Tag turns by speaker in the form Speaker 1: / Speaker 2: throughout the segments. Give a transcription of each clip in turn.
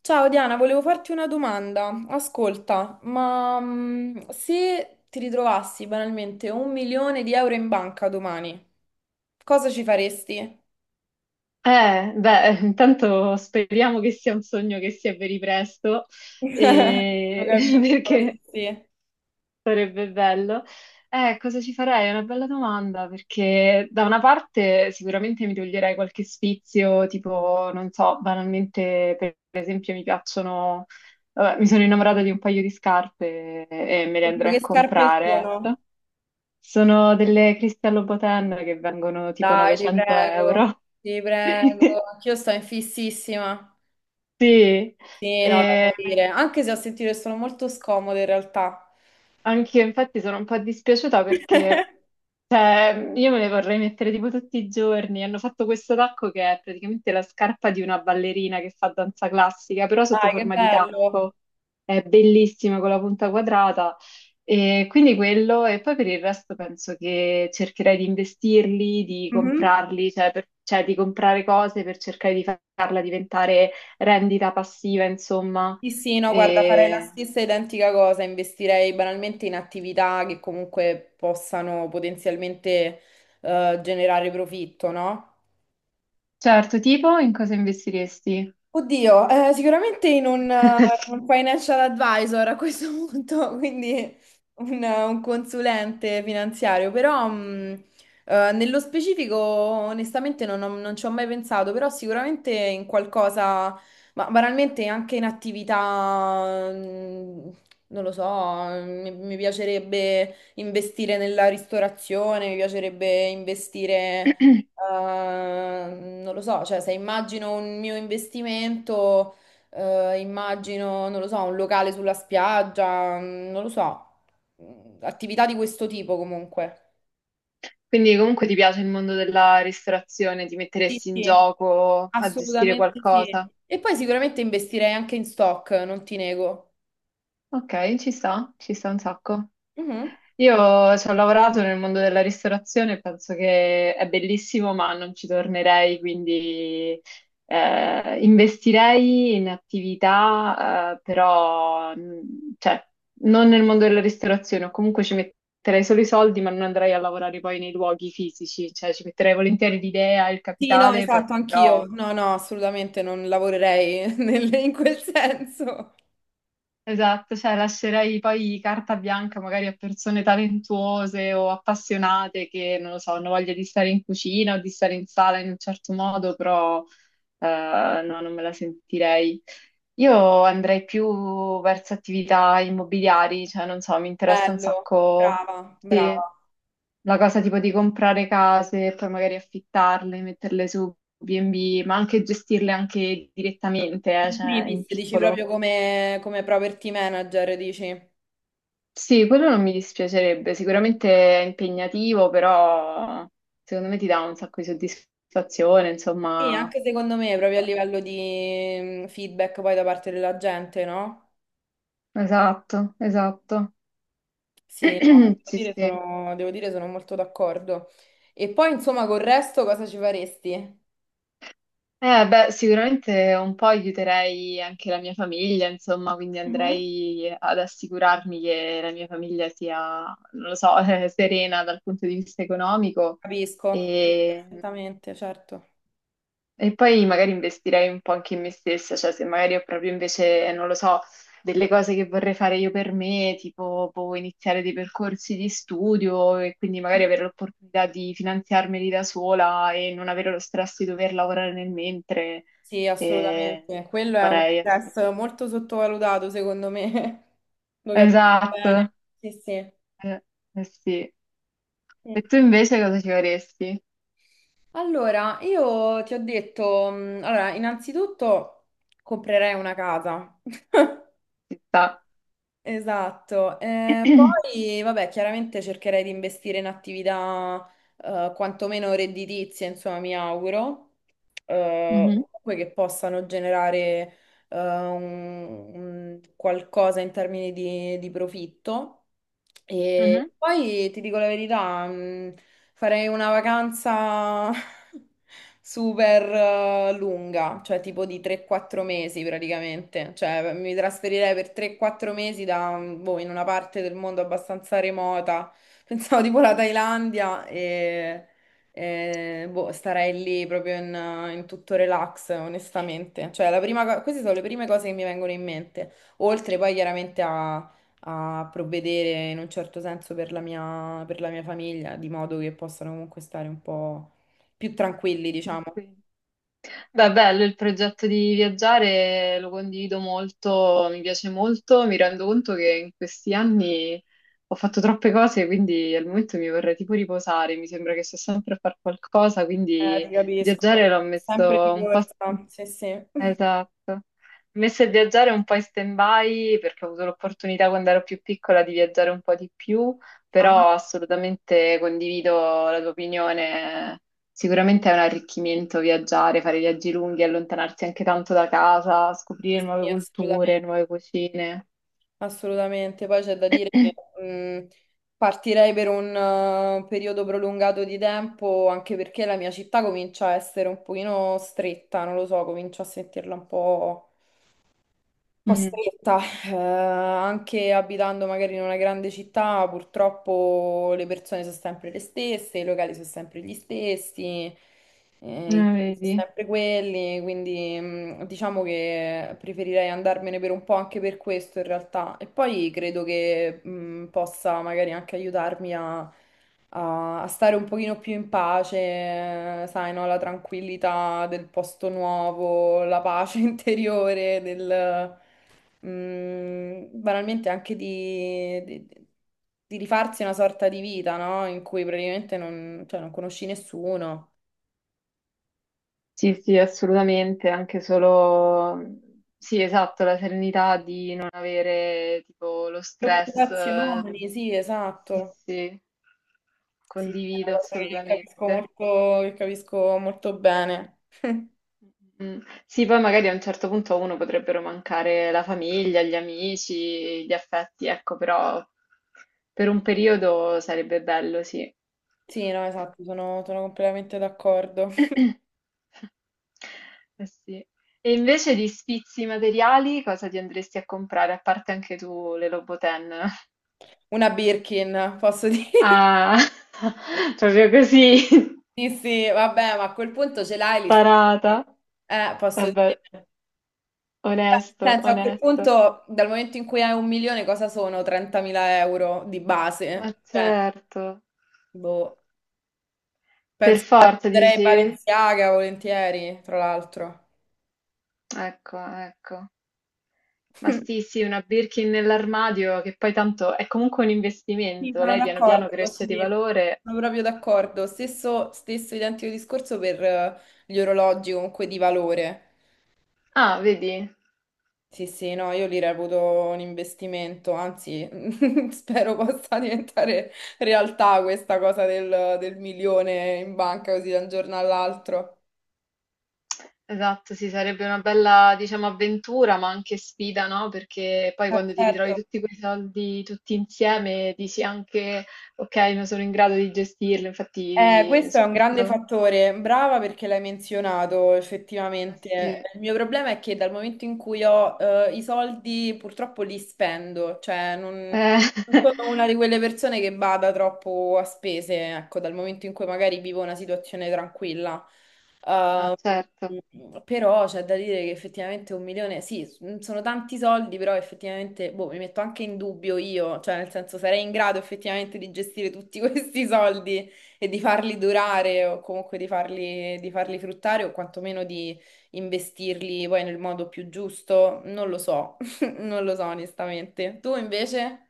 Speaker 1: Ciao Diana, volevo farti una domanda. Ascolta, se ti ritrovassi banalmente un milione di euro in banca domani, cosa ci faresti?
Speaker 2: Beh, intanto speriamo che sia un sogno che si avveri presto,
Speaker 1: Lo
Speaker 2: e-
Speaker 1: capisco,
Speaker 2: perché
Speaker 1: sì, sì.
Speaker 2: sarebbe bello. Cosa ci farei? È una bella domanda, perché da una parte sicuramente mi toglierei qualche sfizio, tipo, non so, banalmente, per esempio, mi piacciono, vabbè, mi sono innamorata di un paio di scarpe e me le
Speaker 1: Oddio,
Speaker 2: andrei
Speaker 1: che
Speaker 2: a
Speaker 1: scarpe
Speaker 2: comprare,
Speaker 1: sono?
Speaker 2: ecco. Sono delle Cristian Louboutin che vengono tipo
Speaker 1: Dai, ti
Speaker 2: 900
Speaker 1: prego,
Speaker 2: euro.
Speaker 1: ti prego. Anch'io sto in fississima.
Speaker 2: Sì,
Speaker 1: Sì, no, da
Speaker 2: e
Speaker 1: morire. Anche se ho sentito che sono molto scomode in realtà.
Speaker 2: anche io infatti sono un po' dispiaciuta perché cioè, io me le vorrei mettere tipo tutti i giorni. Hanno fatto questo tacco che è praticamente la scarpa di una ballerina che fa danza classica, però sotto
Speaker 1: Dai, che
Speaker 2: forma di
Speaker 1: bello.
Speaker 2: tacco. È bellissima con la punta quadrata. E quindi quello, e poi per il resto penso che cercherei di investirli, di
Speaker 1: Mhm.
Speaker 2: comprarli, cioè, cioè di comprare cose per cercare di farla diventare rendita passiva, insomma.
Speaker 1: Sì, sì, no, guarda, farei la
Speaker 2: E-
Speaker 1: stessa identica cosa, investirei banalmente in attività che comunque possano potenzialmente generare profitto, no?
Speaker 2: Certo, tipo in cosa investiresti?
Speaker 1: Oddio, sicuramente in un, in un financial advisor a questo punto, quindi un, un consulente finanziario, però, nello specifico onestamente non ci ho mai pensato, però sicuramente in qualcosa, ma banalmente anche in attività, non lo so, mi piacerebbe investire nella ristorazione, mi piacerebbe investire. Non lo so, cioè se immagino un mio investimento, immagino, non lo so, un locale sulla spiaggia, non lo so. Mm, attività di questo tipo comunque.
Speaker 2: Quindi comunque ti piace il mondo della ristorazione, ti
Speaker 1: Sì,
Speaker 2: metteresti in
Speaker 1: sì,
Speaker 2: gioco a gestire
Speaker 1: assolutamente sì.
Speaker 2: qualcosa?
Speaker 1: E poi sicuramente investirei anche in stock, non ti nego.
Speaker 2: Ok, ci sta un sacco.
Speaker 1: Mhm.
Speaker 2: Io ci ho lavorato nel mondo della ristorazione e penso che è bellissimo, ma non ci tornerei, quindi investirei in attività, però cioè, non nel mondo della ristorazione, o comunque ci metterei solo i soldi, ma non andrei a lavorare poi nei luoghi fisici, cioè ci metterei volentieri l'idea, il
Speaker 1: Sì, no,
Speaker 2: capitale,
Speaker 1: esatto, anch'io.
Speaker 2: però
Speaker 1: No, no, assolutamente non lavorerei in quel senso.
Speaker 2: esatto, cioè lascerei poi carta bianca magari a persone talentuose o appassionate che, non lo so, hanno voglia di stare in cucina o di stare in sala in un certo modo, però no, non me la sentirei. Io andrei più verso attività immobiliari, cioè non so, mi interessa un
Speaker 1: Bello,
Speaker 2: sacco
Speaker 1: brava,
Speaker 2: sì,
Speaker 1: brava.
Speaker 2: la cosa tipo di comprare case e poi magari affittarle, metterle su B&B, ma anche gestirle anche direttamente,
Speaker 1: In
Speaker 2: cioè in
Speaker 1: primis, dici
Speaker 2: piccolo.
Speaker 1: proprio come, come property manager, dici?
Speaker 2: Sì, quello non mi dispiacerebbe, sicuramente è impegnativo, però secondo me ti dà un sacco di soddisfazione,
Speaker 1: Sì,
Speaker 2: insomma.
Speaker 1: anche secondo me, proprio a livello di feedback poi da parte della gente, no?
Speaker 2: Esatto, esatto.
Speaker 1: Sì, no,
Speaker 2: Sì, sì.
Speaker 1: devo dire sono molto d'accordo. E poi, insomma, col resto cosa ci faresti?
Speaker 2: Beh, sicuramente un po' aiuterei anche la mia famiglia, insomma, quindi
Speaker 1: Mhm.
Speaker 2: andrei ad assicurarmi che la mia famiglia sia, non lo so, serena dal punto di vista economico.
Speaker 1: Capisco, capisco
Speaker 2: E
Speaker 1: perfettamente, certo.
Speaker 2: E poi magari investirei un po' anche in me stessa, cioè se magari ho proprio invece, non lo so, delle cose che vorrei fare io per me, tipo boh, iniziare dei percorsi di studio e quindi magari avere l'opportunità di finanziarmeli da sola e non avere lo stress di dover lavorare nel mentre,
Speaker 1: Sì,
Speaker 2: e
Speaker 1: assolutamente. Quello è uno
Speaker 2: vorrei assolutamente.
Speaker 1: stress molto sottovalutato, secondo me. Lo capisco bene.
Speaker 2: Esatto,
Speaker 1: Sì,
Speaker 2: eh, eh sì. E
Speaker 1: sì.
Speaker 2: tu invece cosa ci vorresti?
Speaker 1: Allora, io ti ho detto, allora, innanzitutto comprerei una casa.
Speaker 2: Ci sta.
Speaker 1: Esatto. Poi, vabbè, chiaramente cercherei di investire in attività quantomeno redditizie, insomma, mi auguro, comunque che possano generare un qualcosa in termini di profitto.
Speaker 2: Mhm, mhm.
Speaker 1: E poi ti dico la verità. Farei una vacanza super lunga, cioè tipo di 3-4 mesi praticamente. Cioè mi trasferirei per 3-4 mesi da, boh, in una parte del mondo abbastanza remota. Pensavo tipo la Thailandia e, boh, starei lì proprio in tutto relax, onestamente. Cioè la queste sono le prime cose che mi vengono in mente. Oltre poi chiaramente a provvedere in un certo senso per la mia famiglia, di modo che possano comunque stare un po' più tranquilli, diciamo.
Speaker 2: Tranquillo. Beh, bello il progetto di viaggiare, lo condivido molto, mi piace molto, mi rendo conto che in questi anni ho fatto troppe cose, quindi al momento mi vorrei tipo riposare, mi sembra che sto sempre a fare qualcosa, quindi
Speaker 1: Ti capisco.
Speaker 2: viaggiare l'ho
Speaker 1: Sempre di
Speaker 2: messo un po',
Speaker 1: corsa, sì, sì.
Speaker 2: esatto. Messa a viaggiare un po' in stand-by perché ho avuto l'opportunità quando ero più piccola di viaggiare un po' di più,
Speaker 1: Ah,
Speaker 2: però assolutamente condivido la tua opinione. Sicuramente è un arricchimento viaggiare, fare viaggi lunghi, allontanarsi anche tanto da casa,
Speaker 1: sì,
Speaker 2: scoprire nuove
Speaker 1: sì,
Speaker 2: culture,
Speaker 1: assolutamente.
Speaker 2: nuove cucine.
Speaker 1: Assolutamente. Poi c'è da dire che mh, partirei per un periodo prolungato di tempo, anche perché la mia città comincia a essere un pochino stretta, non lo so, comincio a sentirla un po'.
Speaker 2: Mm,
Speaker 1: Costretta, anche abitando magari in una grande città, purtroppo le persone sono sempre le stesse, i locali sono sempre gli stessi, i tipi sono
Speaker 2: vedi?
Speaker 1: sempre quelli, quindi, diciamo che preferirei andarmene per un po' anche per questo in realtà. E poi credo che possa magari anche aiutarmi a stare un pochino più in pace, sai, no? La tranquillità del posto nuovo, la pace interiore, banalmente anche di rifarsi una sorta di vita, no? In cui praticamente non, cioè, non conosci nessuno.
Speaker 2: Sì, sì, assolutamente, anche solo, sì, esatto, la serenità di non avere tipo lo stress.
Speaker 1: Preoccupazioni, sì,
Speaker 2: Sì,
Speaker 1: esatto.
Speaker 2: sì.
Speaker 1: Sì, è
Speaker 2: Condivido
Speaker 1: una cosa
Speaker 2: assolutamente.
Speaker 1: che capisco molto bene.
Speaker 2: Mm. Mm. Sì, poi magari a un certo punto a uno potrebbero mancare la famiglia, gli amici, gli affetti, ecco, però per un periodo sarebbe bello, sì.
Speaker 1: Sì, no, esatto, sono, sono completamente d'accordo.
Speaker 2: Eh sì. E invece di sfizi materiali, cosa ti andresti a comprare? A parte anche tu le Loboten.
Speaker 1: Una Birkin, posso dire.
Speaker 2: Ah, proprio così,
Speaker 1: Sì, sì, vabbè, ma a quel punto ce l'hai
Speaker 2: tarata.
Speaker 1: lì. Posso
Speaker 2: Vabbè,
Speaker 1: dire. Beh,
Speaker 2: onesto,
Speaker 1: nel senso, a quel
Speaker 2: onesto.
Speaker 1: punto, dal momento in cui hai un milione, cosa sono 30.000 euro di
Speaker 2: Ma
Speaker 1: base? Cioè,
Speaker 2: certo,
Speaker 1: boh,
Speaker 2: per
Speaker 1: penso che
Speaker 2: forza
Speaker 1: prenderei
Speaker 2: dici?
Speaker 1: Balenciaga volentieri, tra l'altro.
Speaker 2: Ecco, ecco. Ma sì, sì, una Birkin nell'armadio che poi tanto è comunque un
Speaker 1: Sì,
Speaker 2: investimento,
Speaker 1: sono
Speaker 2: lei piano piano
Speaker 1: d'accordo, posso
Speaker 2: cresce di
Speaker 1: dirti.
Speaker 2: valore.
Speaker 1: Sono proprio d'accordo. Stesso, stesso identico discorso per gli orologi comunque di valore.
Speaker 2: Ah, vedi?
Speaker 1: Sì, sì, no, io li reputo un investimento, anzi, spero possa diventare realtà questa cosa del, del milione in banca così da un giorno all'altro.
Speaker 2: Esatto, sì, sarebbe una bella, diciamo, avventura, ma anche sfida, no? Perché poi
Speaker 1: Ma
Speaker 2: quando ti ritrovi
Speaker 1: certo.
Speaker 2: tutti quei soldi tutti insieme, dici anche, ok, non sono in grado di gestirlo, infatti
Speaker 1: Questo è
Speaker 2: sono
Speaker 1: un grande
Speaker 2: molto...
Speaker 1: fattore, brava perché l'hai menzionato
Speaker 2: Eh
Speaker 1: effettivamente.
Speaker 2: sì.
Speaker 1: Il mio problema è che dal momento in cui ho i soldi purtroppo li spendo, cioè non,
Speaker 2: Eh,
Speaker 1: non sono una di quelle persone che bada troppo a spese, ecco, dal momento in cui magari vivo una situazione tranquilla.
Speaker 2: ah,
Speaker 1: Ehm,
Speaker 2: certo.
Speaker 1: Però c'è da dire che effettivamente un milione, sì, sono tanti soldi, però effettivamente boh, mi metto anche in dubbio io, cioè nel senso sarei in grado effettivamente di gestire tutti questi soldi. E di farli durare o comunque di farli fruttare o quantomeno di investirli poi nel modo più giusto, non lo so, non lo so onestamente. Tu invece?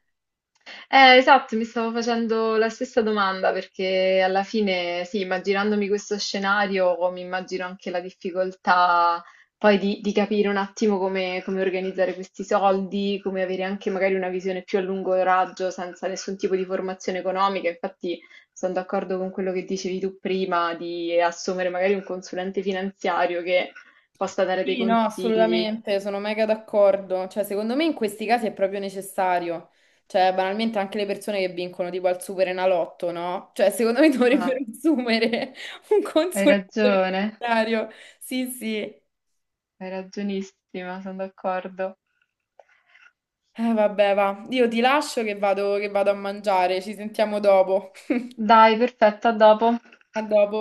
Speaker 2: Esatto, mi stavo facendo la stessa domanda perché alla fine, sì, immaginandomi questo scenario, mi immagino anche la difficoltà poi di capire un attimo come, come organizzare questi soldi, come avere anche magari una visione più a lungo raggio senza nessun tipo di formazione economica. Infatti sono d'accordo con quello che dicevi tu prima di assumere magari un consulente finanziario che possa dare dei
Speaker 1: Sì, no,
Speaker 2: consigli.
Speaker 1: assolutamente, sono mega d'accordo. Cioè, secondo me in questi casi è proprio necessario. Cioè, banalmente anche le persone che vincono tipo al Superenalotto, no? Cioè, secondo me dovrebbero
Speaker 2: Ah,
Speaker 1: assumere un
Speaker 2: hai
Speaker 1: consulente
Speaker 2: ragione.
Speaker 1: finanziario. Sì, sì.
Speaker 2: Hai ragionissima, sono d'accordo.
Speaker 1: Vabbè, va. Io ti lascio che vado a mangiare, ci sentiamo dopo.
Speaker 2: Dai, perfetto, a dopo.
Speaker 1: A dopo.